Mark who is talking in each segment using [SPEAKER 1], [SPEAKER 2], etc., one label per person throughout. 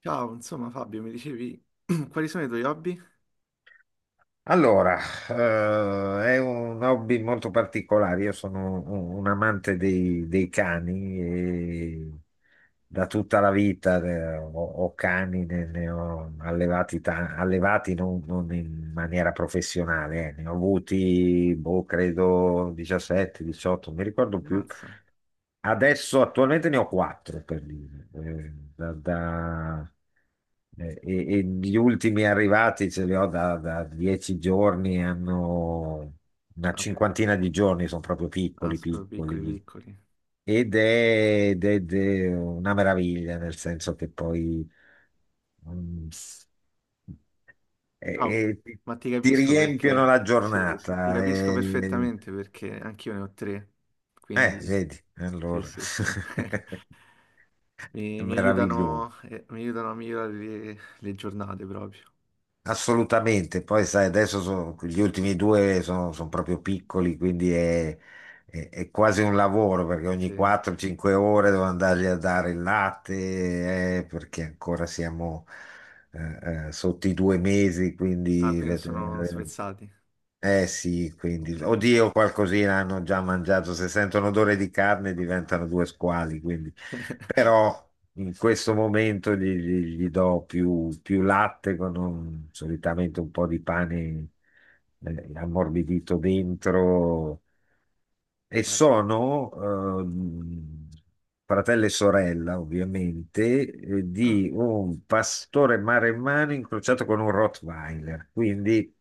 [SPEAKER 1] Ciao, insomma Fabio, mi dicevi quali sono i tuoi hobby?
[SPEAKER 2] Allora, è un hobby molto particolare. Io sono un amante dei cani e da tutta la vita ho cani, ne ho allevati, allevati non in maniera professionale, eh. Ne ho avuti, boh, credo 17, 18, non mi ricordo più.
[SPEAKER 1] Ammazza.
[SPEAKER 2] Adesso attualmente ne ho quattro per dire. Eh, da, e gli ultimi arrivati ce li ho da 10 giorni, hanno una
[SPEAKER 1] Ah, questo.
[SPEAKER 2] cinquantina di giorni, sono proprio
[SPEAKER 1] Ah,
[SPEAKER 2] piccoli,
[SPEAKER 1] sono proprio piccoli
[SPEAKER 2] piccoli.
[SPEAKER 1] piccoli.
[SPEAKER 2] Ed è una meraviglia, nel senso che poi mm,
[SPEAKER 1] No,
[SPEAKER 2] e- e ti,
[SPEAKER 1] ma ti
[SPEAKER 2] ti
[SPEAKER 1] capisco
[SPEAKER 2] riempiono
[SPEAKER 1] perché,
[SPEAKER 2] la
[SPEAKER 1] sì, sì, ti
[SPEAKER 2] giornata.
[SPEAKER 1] capisco perfettamente perché anch'io ne ho 3,
[SPEAKER 2] Eh,
[SPEAKER 1] quindi
[SPEAKER 2] vedi,
[SPEAKER 1] sì,
[SPEAKER 2] allora
[SPEAKER 1] sì, sì.
[SPEAKER 2] è
[SPEAKER 1] Mi
[SPEAKER 2] meraviglioso.
[SPEAKER 1] aiutano, mi aiutano a migliorare le giornate proprio.
[SPEAKER 2] Assolutamente, poi sai, adesso gli ultimi due sono, sono proprio piccoli, quindi è quasi un lavoro perché ogni
[SPEAKER 1] Sì.
[SPEAKER 2] 4-5 ore devo andargli a dare il latte, perché ancora siamo sotto i 2 mesi,
[SPEAKER 1] Ah,
[SPEAKER 2] quindi
[SPEAKER 1] quindi non sono
[SPEAKER 2] vedere.
[SPEAKER 1] svezzati.
[SPEAKER 2] Eh sì, quindi,
[SPEAKER 1] Ok, ok.
[SPEAKER 2] oddio, qualcosina hanno già mangiato. Se sentono odore di carne diventano due squali, quindi. Però in questo momento gli do più latte con solitamente un po' di pane ammorbidito dentro e
[SPEAKER 1] Certo.
[SPEAKER 2] sono ehm, fratello e sorella, ovviamente,
[SPEAKER 1] Ah,
[SPEAKER 2] di un pastore maremmano incrociato con un Rottweiler, quindi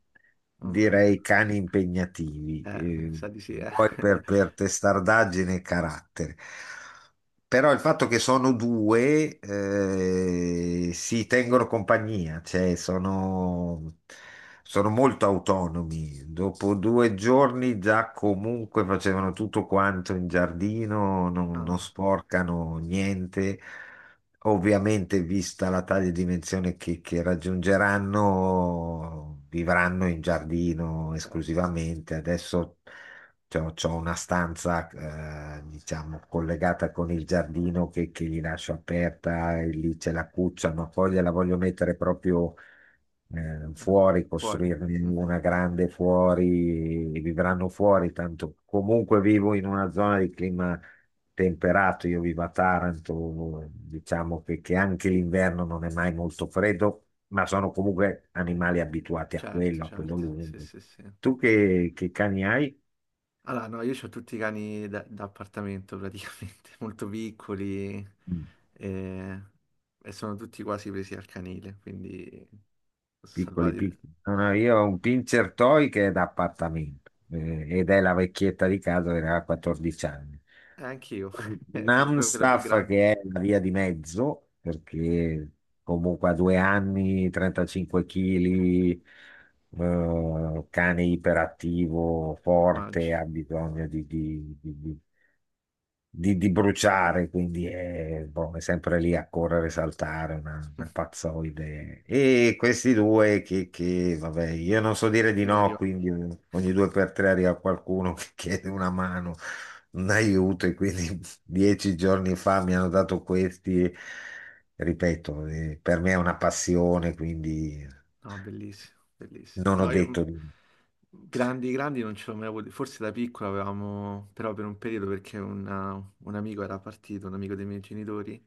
[SPEAKER 1] mamma mia.
[SPEAKER 2] direi cani impegnativi,
[SPEAKER 1] Mi sa di sì, eh.
[SPEAKER 2] poi per testardaggine e carattere. Però il fatto che sono due si tengono compagnia, cioè sono molto autonomi. Dopo due giorni già comunque facevano tutto quanto in giardino, non
[SPEAKER 1] Ah,
[SPEAKER 2] sporcano niente. Ovviamente, vista la taglia e dimensione che raggiungeranno, vivranno in giardino
[SPEAKER 1] certo.
[SPEAKER 2] esclusivamente. Adesso c'ho una stanza, diciamo, collegata con il giardino che gli lascio aperta e lì c'è la cuccia, ma poi gliela voglio mettere proprio
[SPEAKER 1] Ah,
[SPEAKER 2] fuori,
[SPEAKER 1] fuori.
[SPEAKER 2] costruirne
[SPEAKER 1] Mhm.
[SPEAKER 2] una grande fuori, e vivranno fuori, tanto comunque vivo in una zona di clima temperato, io vivo a Taranto, diciamo che anche l'inverno non è mai molto freddo, ma sono comunque animali abituati
[SPEAKER 1] Certo,
[SPEAKER 2] a quello
[SPEAKER 1] certo. Sì,
[SPEAKER 2] lungo.
[SPEAKER 1] sì, sì.
[SPEAKER 2] Tu che cani hai?
[SPEAKER 1] Allora, no, io ho tutti i cani da appartamento praticamente, molto piccoli
[SPEAKER 2] Mm.
[SPEAKER 1] e, e sono tutti quasi presi al canile, quindi sono
[SPEAKER 2] Piccoli,
[SPEAKER 1] salvati. E
[SPEAKER 2] piccoli. No, no, io ho un pincher toy che è da appartamento ed è la vecchietta di casa che aveva 14 anni.
[SPEAKER 1] anche io, proprio quella più
[SPEAKER 2] Namstaff,
[SPEAKER 1] grande,
[SPEAKER 2] che è la via di mezzo, perché comunque a 2 anni, 35 kg, cane iperattivo, forte,
[SPEAKER 1] immagino,
[SPEAKER 2] ha bisogno di bruciare, quindi è, boh, è sempre lì a correre, saltare, una pazzoide. E questi due vabbè, io non so
[SPEAKER 1] gli
[SPEAKER 2] dire di
[SPEAKER 1] ultimi
[SPEAKER 2] no,
[SPEAKER 1] arrivati.
[SPEAKER 2] quindi ogni due per tre arriva qualcuno che chiede una mano, un aiuto, e quindi 10 giorni fa mi hanno dato questi. Ripeto, per me è una passione, quindi
[SPEAKER 1] No, bellissimo, bellissimo.
[SPEAKER 2] non ho
[SPEAKER 1] No,
[SPEAKER 2] detto
[SPEAKER 1] io
[SPEAKER 2] di...
[SPEAKER 1] grandi, grandi non ce l'ho mai avuto. Forse da piccola avevamo, però per un periodo perché un amico era partito, un amico dei miei genitori.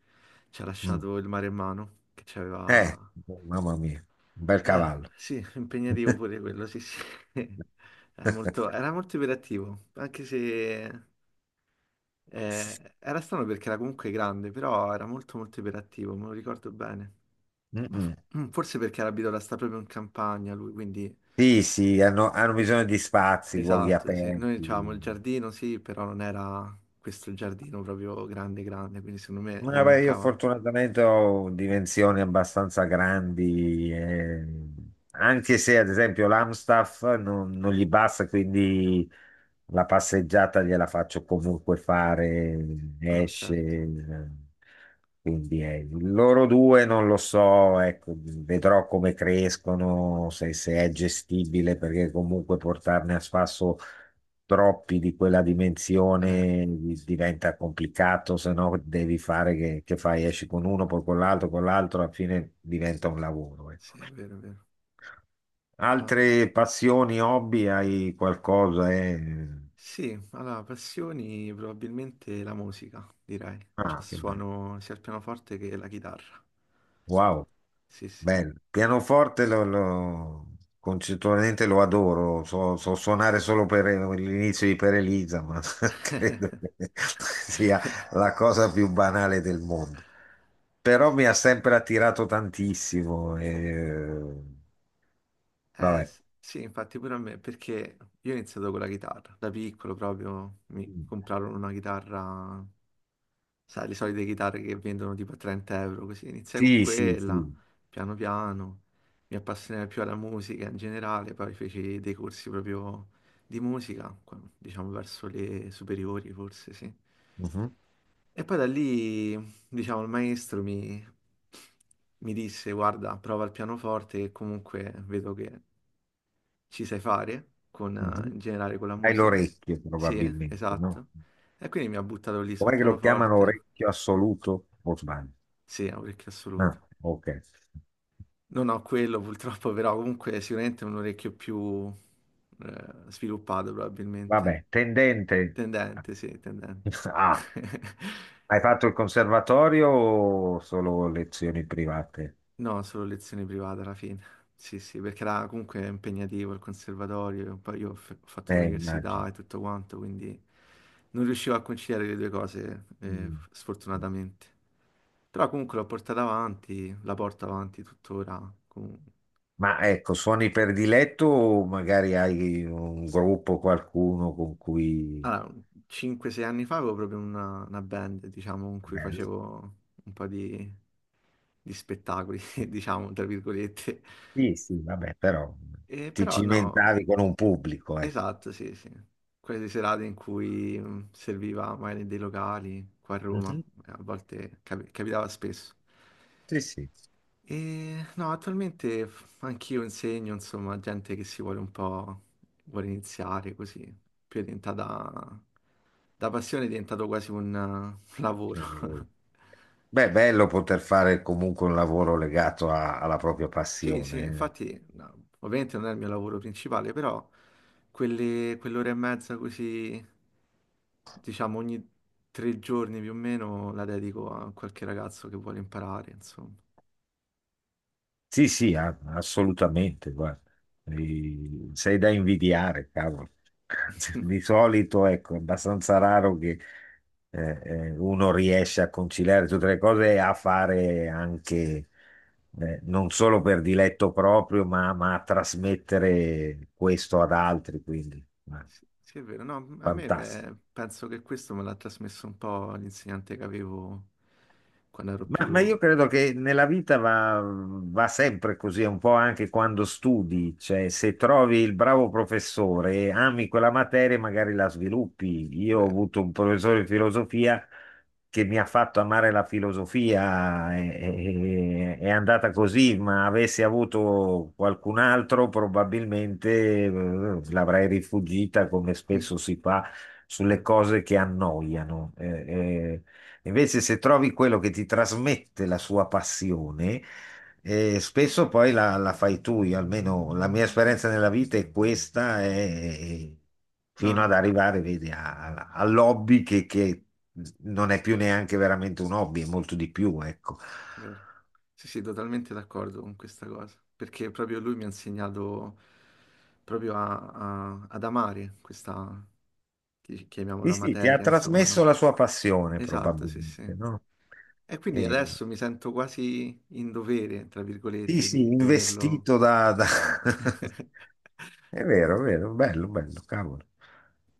[SPEAKER 1] Ci ha
[SPEAKER 2] Mm.
[SPEAKER 1] lasciato il maremmano che ci
[SPEAKER 2] Eh,
[SPEAKER 1] aveva...
[SPEAKER 2] mamma mia, un bel cavallo.
[SPEAKER 1] Sì, impegnativo pure quello, sì, sì. Era molto iperattivo, anche se... era strano perché era comunque grande, però era molto molto iperattivo, me lo ricordo bene. Ma fo-
[SPEAKER 2] Mm-mm.
[SPEAKER 1] Forse perché era abituato a stare proprio in campagna lui, quindi...
[SPEAKER 2] Sì, sì, hanno bisogno di spazi, luoghi
[SPEAKER 1] Esatto, sì. Noi avevamo
[SPEAKER 2] aperti.
[SPEAKER 1] il giardino, sì, però non era questo giardino proprio grande grande, quindi secondo me gli
[SPEAKER 2] Ma beh, io
[SPEAKER 1] mancava...
[SPEAKER 2] fortunatamente ho dimensioni abbastanza grandi, anche se ad esempio l'Amstaff non gli basta, quindi la passeggiata gliela faccio comunque fare,
[SPEAKER 1] No,
[SPEAKER 2] esce.
[SPEAKER 1] certo.
[SPEAKER 2] Quindi loro due non lo so, ecco, vedrò come crescono, se se è gestibile, perché comunque portarne a spasso troppi di quella
[SPEAKER 1] Eh,
[SPEAKER 2] dimensione diventa complicato, se no devi fare che fai, esci con uno, poi con l'altro, alla fine diventa un lavoro. Ecco.
[SPEAKER 1] sì, è vero, è vero.
[SPEAKER 2] Altre passioni, hobby, hai qualcosa? Eh?
[SPEAKER 1] Sì, allora, passioni probabilmente la musica, direi. Cioè,
[SPEAKER 2] Ah, che bello.
[SPEAKER 1] suono sia il pianoforte che la chitarra.
[SPEAKER 2] Wow,
[SPEAKER 1] Sì, sì.
[SPEAKER 2] bello. Concettualmente lo adoro, so suonare solo per l'inizio di Per Elisa, ma credo che sia la cosa più banale del mondo. Però mi ha sempre attirato tantissimo. E... Vabbè.
[SPEAKER 1] Sì, infatti pure a me, perché io ho iniziato con la chitarra. Da piccolo proprio mi comprarono una chitarra, sai, le solite chitarre che vendono tipo a 30 euro, così iniziai con
[SPEAKER 2] Sì, sì,
[SPEAKER 1] quella,
[SPEAKER 2] sì.
[SPEAKER 1] piano piano, mi appassionai più alla musica in generale, poi feci dei corsi proprio di musica, diciamo verso le superiori forse, sì.
[SPEAKER 2] Mhm,
[SPEAKER 1] E poi da lì, diciamo, mi disse, guarda, prova il pianoforte che comunque vedo che ci sai fare, con,
[SPEAKER 2] mhm.
[SPEAKER 1] in generale con la
[SPEAKER 2] Hai
[SPEAKER 1] musica.
[SPEAKER 2] l'orecchio
[SPEAKER 1] Sì,
[SPEAKER 2] probabilmente, no?
[SPEAKER 1] esatto. E quindi mi ha buttato lì sul
[SPEAKER 2] Com'è che lo chiamano
[SPEAKER 1] pianoforte.
[SPEAKER 2] orecchio assoluto? O sbaglio?
[SPEAKER 1] Sì, è un orecchio assoluto.
[SPEAKER 2] No, ok.
[SPEAKER 1] Non ho quello purtroppo, però comunque sicuramente è un orecchio più sviluppato probabilmente.
[SPEAKER 2] Vabbè, tendente.
[SPEAKER 1] Tendente, sì, tendente.
[SPEAKER 2] Ah, hai fatto il conservatorio o solo lezioni private?
[SPEAKER 1] No, solo lezioni private alla fine. Sì, sì, perché era comunque impegnativo il conservatorio, e poi io ho fatto
[SPEAKER 2] Immagino.
[SPEAKER 1] l'università e tutto quanto, quindi non riuscivo a conciliare le due cose,
[SPEAKER 2] Mm. Mm.
[SPEAKER 1] sfortunatamente. Però comunque l'ho portata avanti, la porto avanti tuttora comunque.
[SPEAKER 2] Ma ecco, suoni prediletto o magari hai un gruppo, qualcuno con cui...
[SPEAKER 1] Allora, 5-6 anni fa avevo proprio una band, diciamo, con cui
[SPEAKER 2] Vabbè,
[SPEAKER 1] facevo un po' di spettacoli, diciamo, tra virgolette.
[SPEAKER 2] sì, sì, vabbè, però
[SPEAKER 1] E
[SPEAKER 2] ti
[SPEAKER 1] però no,
[SPEAKER 2] cimentavi con un pubblico, ecco.
[SPEAKER 1] esatto, sì, sì. Quelle serate in cui serviva magari dei locali qua a Roma,
[SPEAKER 2] Mhm.
[SPEAKER 1] a volte capitava spesso.
[SPEAKER 2] Sì, sì.
[SPEAKER 1] E, no, attualmente anch'io insegno, insomma, a gente che si vuole un po', vuole iniziare così, più è diventata, da passione è diventato quasi un, un lavoro.
[SPEAKER 2] Beh,
[SPEAKER 1] Sì,
[SPEAKER 2] è
[SPEAKER 1] sì.
[SPEAKER 2] bello poter fare comunque un lavoro legato alla propria
[SPEAKER 1] Sì, sì,
[SPEAKER 2] passione. Eh.
[SPEAKER 1] infatti, no, ovviamente non è il mio lavoro principale, però quelle, quell'ora e mezza così, diciamo, ogni 3 giorni più o meno la dedico a qualche ragazzo che vuole imparare, insomma.
[SPEAKER 2] Sì, sì, assolutamente, guarda. Sei da invidiare, cavolo. Di solito, ecco, è abbastanza raro che uno riesce a conciliare tutte le cose e a fare anche, non solo per diletto proprio, ma a trasmettere questo ad altri, quindi, ma
[SPEAKER 1] Sì, sì, è vero, no, a me
[SPEAKER 2] fantastico.
[SPEAKER 1] penso che questo me l'ha trasmesso un po' l'insegnante che avevo quando ero
[SPEAKER 2] Ma
[SPEAKER 1] più...
[SPEAKER 2] io credo che nella vita va sempre così, un po' anche quando studi, cioè se trovi il bravo professore e ami quella materia, magari la sviluppi. Io ho
[SPEAKER 1] vero.
[SPEAKER 2] avuto un professore di filosofia che mi ha fatto amare la filosofia, è andata così, ma avessi avuto qualcun altro probabilmente l'avrei rifuggita come spesso si fa sulle
[SPEAKER 1] Eh,
[SPEAKER 2] cose che annoiano. Invece, se trovi quello che ti trasmette la sua passione, spesso poi la fai tu. Io, almeno la mia esperienza nella vita è questa,
[SPEAKER 1] no,
[SPEAKER 2] fino ad
[SPEAKER 1] no,
[SPEAKER 2] arrivare, vedi, all'hobby che non è più neanche veramente un hobby, è molto di più, ecco.
[SPEAKER 1] vero. Sì, sì, totalmente d'accordo con questa cosa, perché proprio lui mi ha insegnato proprio ad amare questa,
[SPEAKER 2] Sì,
[SPEAKER 1] chiamiamola
[SPEAKER 2] sì, ti ha
[SPEAKER 1] materia, insomma,
[SPEAKER 2] trasmesso
[SPEAKER 1] no?
[SPEAKER 2] la sua passione,
[SPEAKER 1] Esatto, sì,
[SPEAKER 2] probabilmente,
[SPEAKER 1] sì.
[SPEAKER 2] no?
[SPEAKER 1] E quindi
[SPEAKER 2] E,
[SPEAKER 1] adesso mi sento quasi in dovere, tra
[SPEAKER 2] sì,
[SPEAKER 1] virgolette,
[SPEAKER 2] sì,
[SPEAKER 1] di doverlo...
[SPEAKER 2] investito da... È vero, bello, bello, cavolo.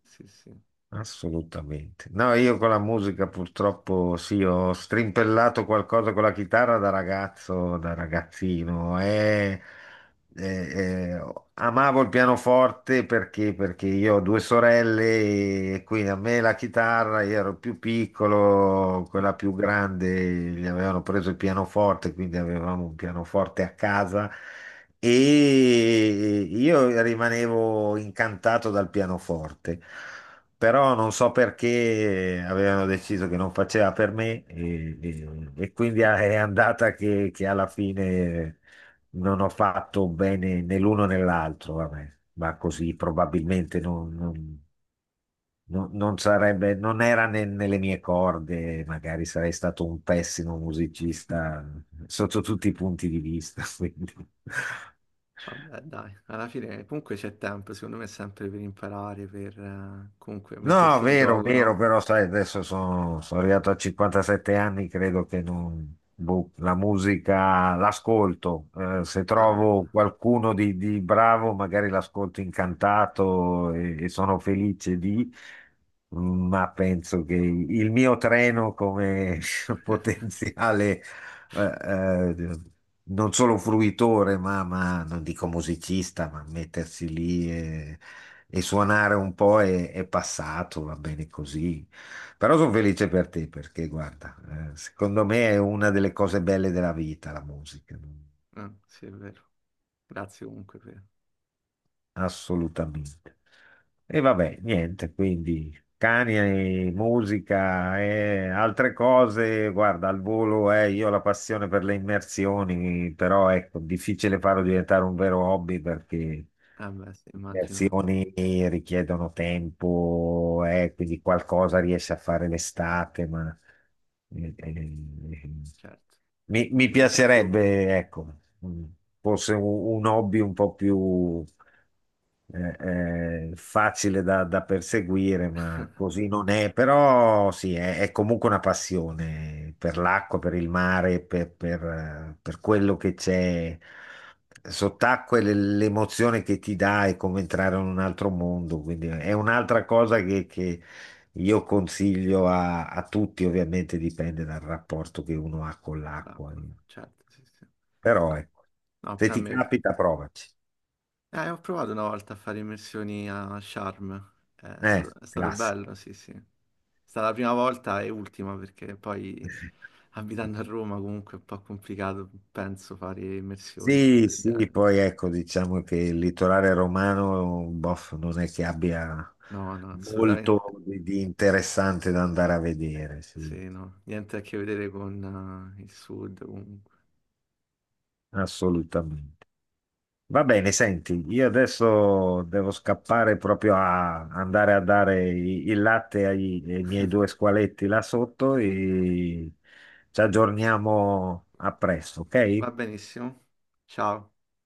[SPEAKER 1] Sì, sì.
[SPEAKER 2] Assolutamente. No, io con la musica purtroppo sì, ho strimpellato qualcosa con la chitarra da ragazzo, da ragazzino. E amavo il pianoforte perché, perché io ho due sorelle e quindi a me la chitarra, io ero più piccolo, quella più grande gli avevano preso il pianoforte, quindi avevamo un pianoforte a casa. E io rimanevo incantato dal pianoforte però non so perché avevano deciso che non faceva per me e quindi è andata che alla fine non ho fatto bene né l'uno né l'altro, vabbè. Ma così probabilmente non sarebbe, non era nelle mie corde, magari sarei stato un pessimo musicista sotto tutti i punti di vista, quindi.
[SPEAKER 1] Vabbè, dai, alla fine comunque c'è tempo, secondo me è sempre per imparare, per comunque
[SPEAKER 2] No,
[SPEAKER 1] mettersi in
[SPEAKER 2] vero,
[SPEAKER 1] gioco,
[SPEAKER 2] vero,
[SPEAKER 1] no?
[SPEAKER 2] però sai, adesso sono arrivato a 57 anni, credo che non, boh, la musica l'ascolto. Se
[SPEAKER 1] Ah,
[SPEAKER 2] trovo qualcuno di bravo, magari l'ascolto incantato e sono felice di, ma penso che il mio treno come potenziale eh, eh, non solo fruitore, ma non dico musicista, ma mettersi lì e suonare un po' è passato, va bene così. Però sono felice per te perché, guarda, secondo me è una delle cose belle della vita, la musica.
[SPEAKER 1] vabbè, sì, è vero. Grazie comunque per...
[SPEAKER 2] Assolutamente. E vabbè, niente, quindi cani, musica e altre cose, guarda, al volo io ho la passione per le immersioni, però ecco, difficile farlo diventare un vero hobby perché
[SPEAKER 1] Eh beh, sì, immagino,
[SPEAKER 2] immersioni richiedono tempo, quindi qualcosa riesci a fare l'estate, ma... eh, eh,
[SPEAKER 1] certo.
[SPEAKER 2] mi
[SPEAKER 1] Immagino sia più
[SPEAKER 2] piacerebbe, ecco, mh, forse un hobby un po' più eh, facile da perseguire, ma così non è. Però sì, è comunque una passione per l'acqua, per il mare, per quello che c'è sott'acqua e l'emozione che ti dà è come entrare in un altro mondo. Quindi è un'altra cosa che, io consiglio a tutti, ovviamente dipende dal rapporto che uno ha con l'acqua,
[SPEAKER 1] l'acqua,
[SPEAKER 2] eh.
[SPEAKER 1] certo, sì, sì.
[SPEAKER 2] Però ecco,
[SPEAKER 1] No,
[SPEAKER 2] se
[SPEAKER 1] pure a
[SPEAKER 2] ti
[SPEAKER 1] me...
[SPEAKER 2] capita provaci.
[SPEAKER 1] Ho provato una volta a fare immersioni a Sharm,
[SPEAKER 2] Eh,
[SPEAKER 1] è stato
[SPEAKER 2] classico.
[SPEAKER 1] bello, sì, sì. Stata la prima volta e ultima perché poi abitando a Roma comunque è un po' complicato, penso, fare immersioni o cose
[SPEAKER 2] Sì,
[SPEAKER 1] del
[SPEAKER 2] sì,
[SPEAKER 1] genere.
[SPEAKER 2] poi ecco, diciamo che il litorale romano, boh, non è che abbia
[SPEAKER 1] No, no, assolutamente
[SPEAKER 2] molto di interessante da andare a vedere, sì,
[SPEAKER 1] sì, no, niente a che vedere con il sud comunque.
[SPEAKER 2] assolutamente. Va bene, senti, io adesso devo scappare proprio a andare a dare il latte ai miei due squaletti là sotto e ci aggiorniamo a presto, ok?
[SPEAKER 1] Va benissimo. Ciao.